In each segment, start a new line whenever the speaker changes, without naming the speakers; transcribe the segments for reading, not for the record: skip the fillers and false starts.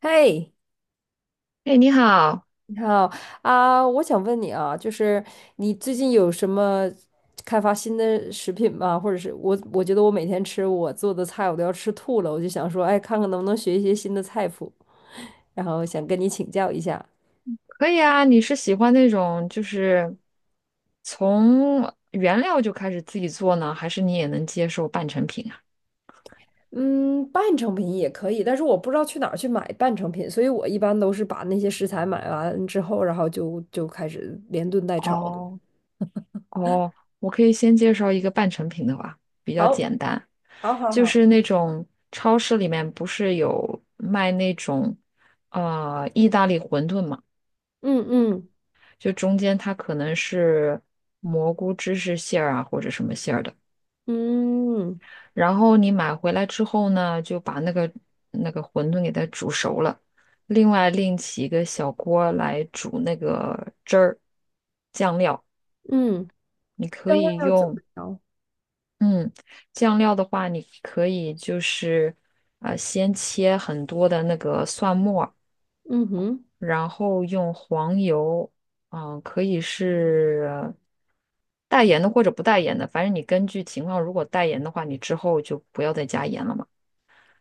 嘿，
哎，你好，
你好啊，我想问你啊，就是你最近有什么开发新的食品吗？或者是我觉得我每天吃我做的菜，我都要吃吐了，我就想说，哎，看看能不能学一些新的菜谱，然后想跟你请教一下。
可以啊。你是喜欢那种就是从原料就开始自己做呢，还是你也能接受半成品啊？
嗯，半成品也可以，但是我不知道去哪儿去买半成品，所以我一般都是把那些食材买完之后，然后就开始连炖带炒的。
哦哦，我可以先介绍一个半成品的吧，比较
好，
简单，
好，好，
就
好，
是那种超市里面不是有卖那种意大利馄饨嘛，
嗯嗯
就中间它可能是蘑菇芝士馅儿啊，或者什么馅儿的。
嗯
然后你买回来之后呢，就把那个馄饨给它煮熟了，另外另起一个小锅来煮那个汁儿酱料。
嗯，
你
这
可
个
以
要怎么
用，
调？
嗯，酱料的话，你可以就是先切很多的那个蒜末儿
嗯哼，
然后用黄油，可以是带盐的或者不带盐的，反正你根据情况，如果带盐的话，你之后就不要再加盐了嘛。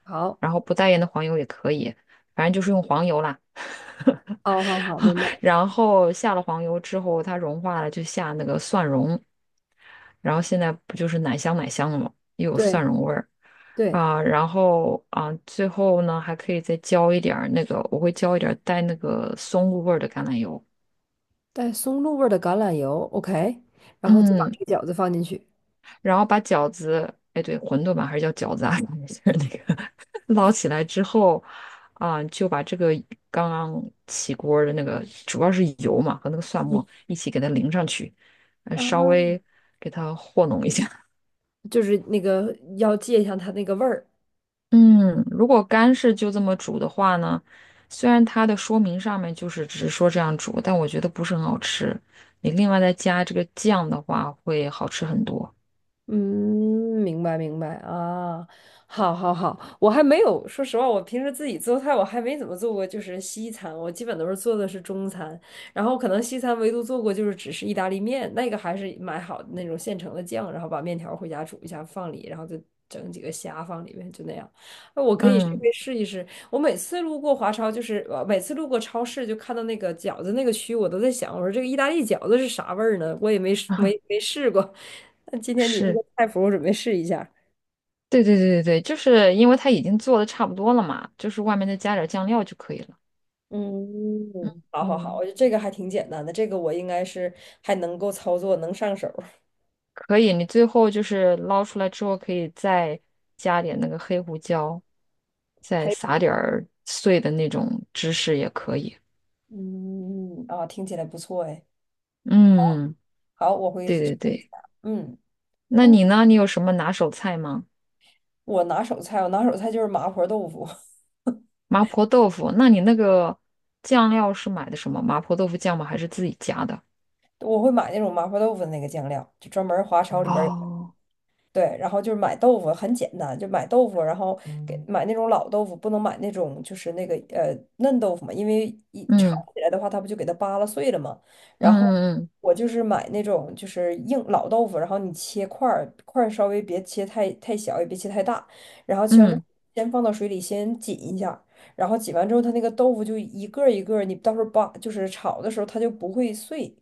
好，
然后不带盐的黄油也可以，反正就是用黄油啦。
哦，好好，明白。
然后下了黄油之后，它融化了，就下那个蒜蓉。然后现在不就是奶香奶香的吗？又有蒜
对
蓉味儿
对，
啊。然后啊，最后呢还可以再浇一点儿那个，我会浇一点儿带那个松露味儿的橄榄油。
带松露味儿的橄榄油，OK，然后再把
嗯，
那个饺子放进去。
然后把饺子，哎，对，馄饨吧，还是叫饺子啊，就是那个捞起来之后，啊、就把这个刚刚起锅的那个，主要是油嘛和那个蒜
嗯
末一起给它淋上去，稍
啊，
微给它和弄一下。
就是那个要借一下它那个味儿。
嗯，如果干是就这么煮的话呢，虽然它的说明上面就是只是说这样煮，但我觉得不是很好吃。你另外再加这个酱的话，会好吃很多。
嗯，明白明白啊，好好好，我还没有，说实话，我平时自己做菜，我还没怎么做过，就是西餐，我基本都是做的是中餐，然后可能西餐唯独做过就是只是意大利面，那个还是买好的那种现成的酱，然后把面条回家煮一下放里，然后就整几个虾放里面，就那样。那我可以去
嗯，
去试一试。我每次路过华超，就是每次路过超市，就看到那个饺子那个区，我都在想，我说这个意大利饺子是啥味儿呢？我也没 试
啊，
没没试过。那今天你这
是。
个菜谱，我准备试一下。
对对对对对，就是因为它已经做的差不多了嘛，就是外面再加点儿酱料就可以了。
嗯，好好好，我
嗯，
觉得这个还挺简单的，这个我应该是还能够操作，能上手。
可以，你最后就是捞出来之后，可以再加点那个黑胡椒，再
还有
撒点儿碎的那种芝士也可以。
嗯，听起来不错哎。
嗯，
好，我会
对
试
对
一下。
对，
嗯，
那你呢？你有什么拿手菜吗？
我拿手菜就是麻婆豆腐，
麻婆豆腐，那你那个酱料是买的什么？麻婆豆腐酱吗？还是自己加的？
我会买那种麻婆豆腐的那个酱料，就专门华超里边。
哦，
对，然后就是买豆腐很简单，就买豆腐，然后给买那种老豆腐，不能买那种就是那个嫩豆腐嘛，因为一炒
嗯
起来的话，它不就给它扒拉碎了嘛。
嗯
然后
嗯
我就是买那种就是硬老豆腐，然后你切块儿，块儿稍微别切太小，也别切太大，然后切完之后
嗯
先放到水里先紧一下，然后紧完之后，它那个豆腐就一个儿一个儿你到时候扒就是炒的时候它就不会碎。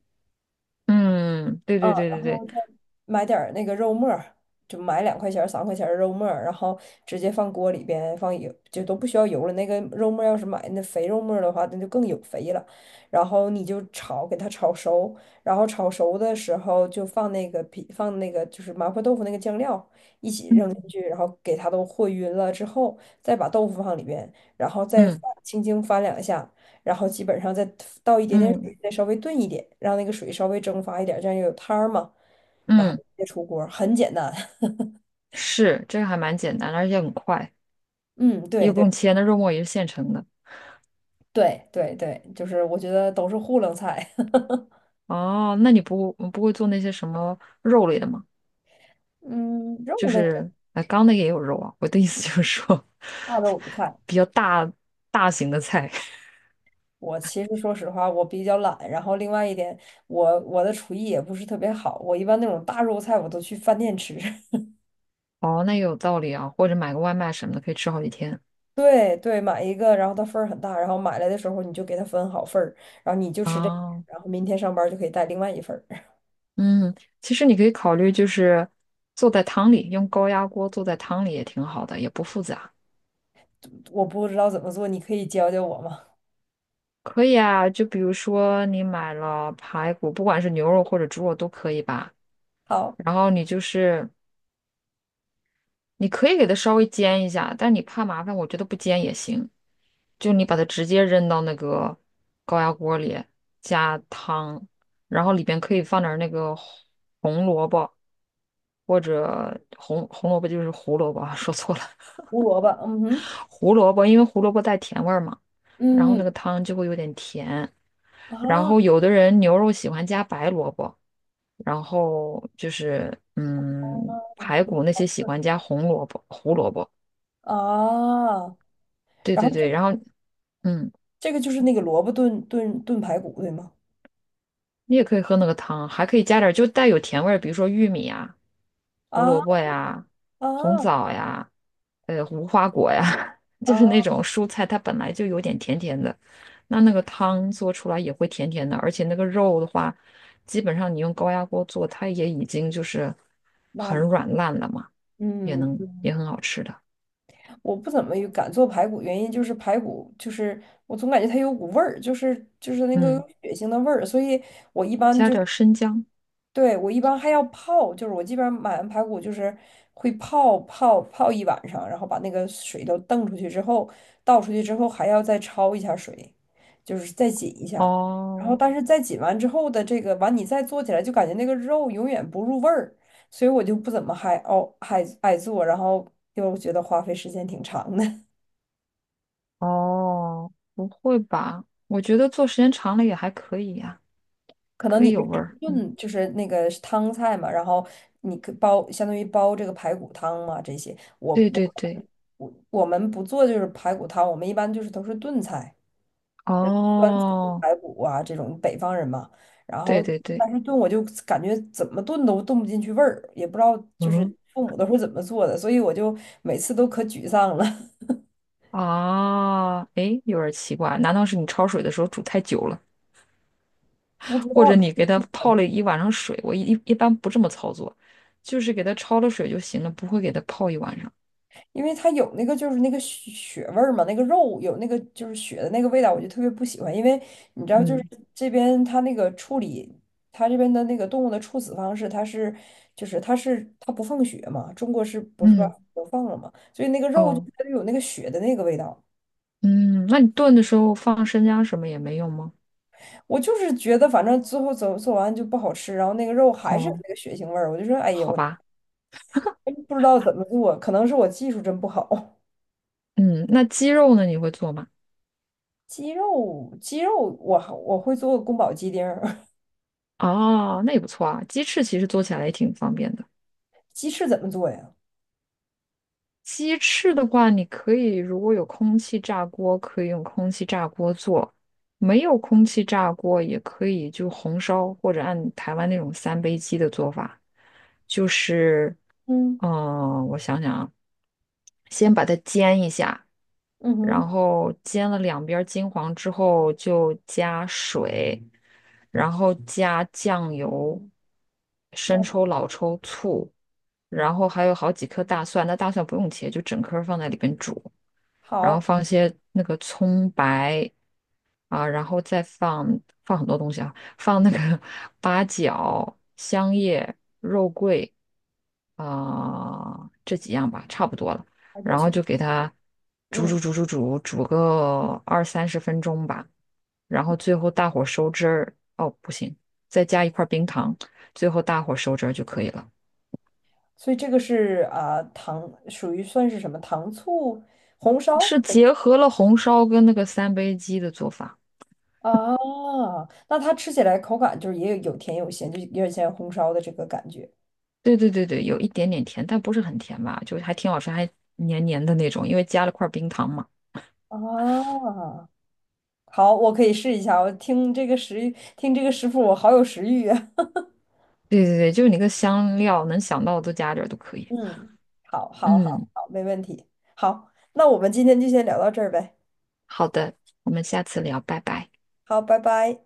嗯嗯，对
嗯，
对对
然
对
后
对，
再买点儿那个肉末儿，就买2块钱儿、3块钱儿的肉末儿，然后直接放锅里边，放油，就都不需要油了。那个肉末儿要是买那肥肉末儿的话，那就更有肥了。然后你就炒，给它炒熟，然后炒熟的时候就放那个皮，放那个就是麻婆豆腐那个酱料一起扔进去，然后给它都和匀了之后，再把豆腐放里边，然后再翻
嗯。
轻轻翻两下，然后基本上再倒一点。
嗯
再稍微炖一点，让那个水稍微蒸发一点，这样有汤儿嘛，然后
嗯，
直接出锅很简单。
是，这个还蛮简单的，而且很快，
嗯，
也
对
不
对
用切。那肉末也是现成的。
对对对，就是我觉得都是糊弄菜。
哦，那你不会做那些什么肉类的吗？
嗯，
就
肉类的
是，哎，刚那个也有肉啊。我的意思就是说，
大 肉菜，
比较大型的菜。
我其实说实话，我比较懒，然后另外一点，我的厨艺也不是特别好，我一般那种大肉菜我都去饭店吃。
哦，那也有道理啊。或者买个外卖什么的，可以吃好几天。
对对，买一个，然后它份儿很大，然后买来的时候你就给它分好份儿，然后你就吃这一份儿
啊。
然后明天上班就可以带另外一份儿。
嗯，其实你可以考虑就是做在汤里，用高压锅做在汤里也挺好的，也不复杂。
我不知道怎么做，你可以教教我吗？
可以啊，就比如说你买了排骨，不管是牛肉或者猪肉都可以吧。
好。
然后你就是你可以给它稍微煎一下，但你怕麻烦，我觉得不煎也行。就你把它直接扔到那个高压锅里，加汤，然后里边可以放点儿那个红萝卜或者红萝卜就是胡萝卜啊 说错了，
胡萝卜，嗯哼，
胡萝卜，因为胡萝卜带甜味儿嘛，然后
嗯
那个汤就会有点甜。然
啊
后有的人牛肉喜欢加白萝卜。然后就是排骨那些喜欢加红萝卜、胡萝卜，
啊，
对
然后
对对，
这
然后嗯，
这个就是那个萝卜炖炖炖排骨，对吗？
你也可以喝那个汤，还可以加点儿就带有甜味儿，比如说玉米啊、胡萝
啊
卜呀、红
啊
枣呀、无花果呀，就是那
啊，
种蔬菜，它本来就有点甜甜的，那个汤做出来也会甜甜的，而且那个肉的话，基本上你用高压锅做，它也已经就是很
那
软烂了嘛，也
嗯，
能也很好吃的，
我不怎么有敢做排骨，原因就是排骨就是我总感觉它有股味儿，就是那个
嗯。
有血腥的味儿，所以我一般。
加
就。
点儿生姜。
对，我一般还要泡，就是我基本上买完排骨就是会泡一晚上，然后把那个水都瞪出去之后，倒出去之后还要再焯一下水，就是再紧一下。然后
哦
但是再紧完之后的这个完你再做起来就感觉那个肉永远不入味儿，所以我就不怎么还爱做，然后又觉得花费时间挺长的。
哦，不会吧？我觉得做时间长了也还可以呀、
可能
可
你
以
就
有味
是
儿。嗯，
炖，就是那个是汤菜嘛，然后你可煲，相当于煲这个排骨汤嘛，这些我
对
我
对对，
我我们不做就是排骨汤，我们一般就是都是炖菜，酸菜
哦，
排骨啊这种北方人嘛，然
对
后
对对，
但是炖我就感觉怎么炖都炖不进去味儿，也不知道就
嗯，
是父母都是怎么做的，所以我就每次都可沮丧了，
啊，诶，有点奇怪，难道是你焯水的时候煮太久了，
不知
或
道。
者你给它泡了一晚上水？我一般不这么操作，就是给它焯了水就行了，不会给它泡一晚上。
因为它有那个就是那个血味儿嘛，那个肉有那个就是血的那个味道，我就特别不喜欢。因为你知道，就是
嗯
这边它那个处理，它这边的那个动物的处死方式，它是就是它是它不放血嘛，中国是不是把
嗯，
都放了嘛？所以那个肉就
哦，
它就有那个血的那个味道。
嗯，那你炖的时候放生姜什么也没用吗？
我就是觉得反正最后做完就不好吃，然后那个肉还是有
哦，
那个血腥味儿，我就说哎呀，
好
我
吧。
真不知道怎么做，可能是我技术真不好。
嗯，那鸡肉呢？你会做吗？
鸡肉我我会做宫保鸡丁儿。
哦，那也不错啊。鸡翅其实做起来也挺方便的。
鸡翅怎么做呀？
鸡翅的话，你可以如果有空气炸锅，可以用空气炸锅做；没有空气炸锅，也可以就红烧或者按台湾那种三杯鸡的做法，就是，
嗯
我想想啊，先把它煎一下，
嗯
然
哼，
后煎了两边儿金黄之后，就加水，然后加酱油、生
对，
抽、老抽、醋，然后还有好几颗大蒜。那大蒜不用切，就整颗儿放在里边煮，然后
好，
放一些那个葱白啊，然后再放很多东西啊，放那个 八角、香叶，啊、这几样吧，差不多了。
而且
然后
像
就给它煮
嗯，
煮煮煮煮煮个20-30分钟吧，然后最后大火收汁儿。哦，不行，再加一块冰糖，最后大火收汁儿就可以了。
所以这个是啊、糖属于算是什么糖醋红烧
是结合了红烧跟那个三杯鸡的做法。
啊？那它吃起来口感就是也有有甜有咸，就有点像红烧的这个感觉
对对对对，有一点点甜，但不是很甜吧，就还挺好吃，还黏黏的那种，因为加了块冰糖嘛。
啊。好，我可以试一下。我听这个食谱，我好有食欲啊。
对对对，就是你个香料能想到的都加点儿都可以。
嗯，好，好，好，
嗯，
好，没问题。好，那我们今天就先聊到这儿呗。
好的，我们下次聊，拜拜。
好，拜拜。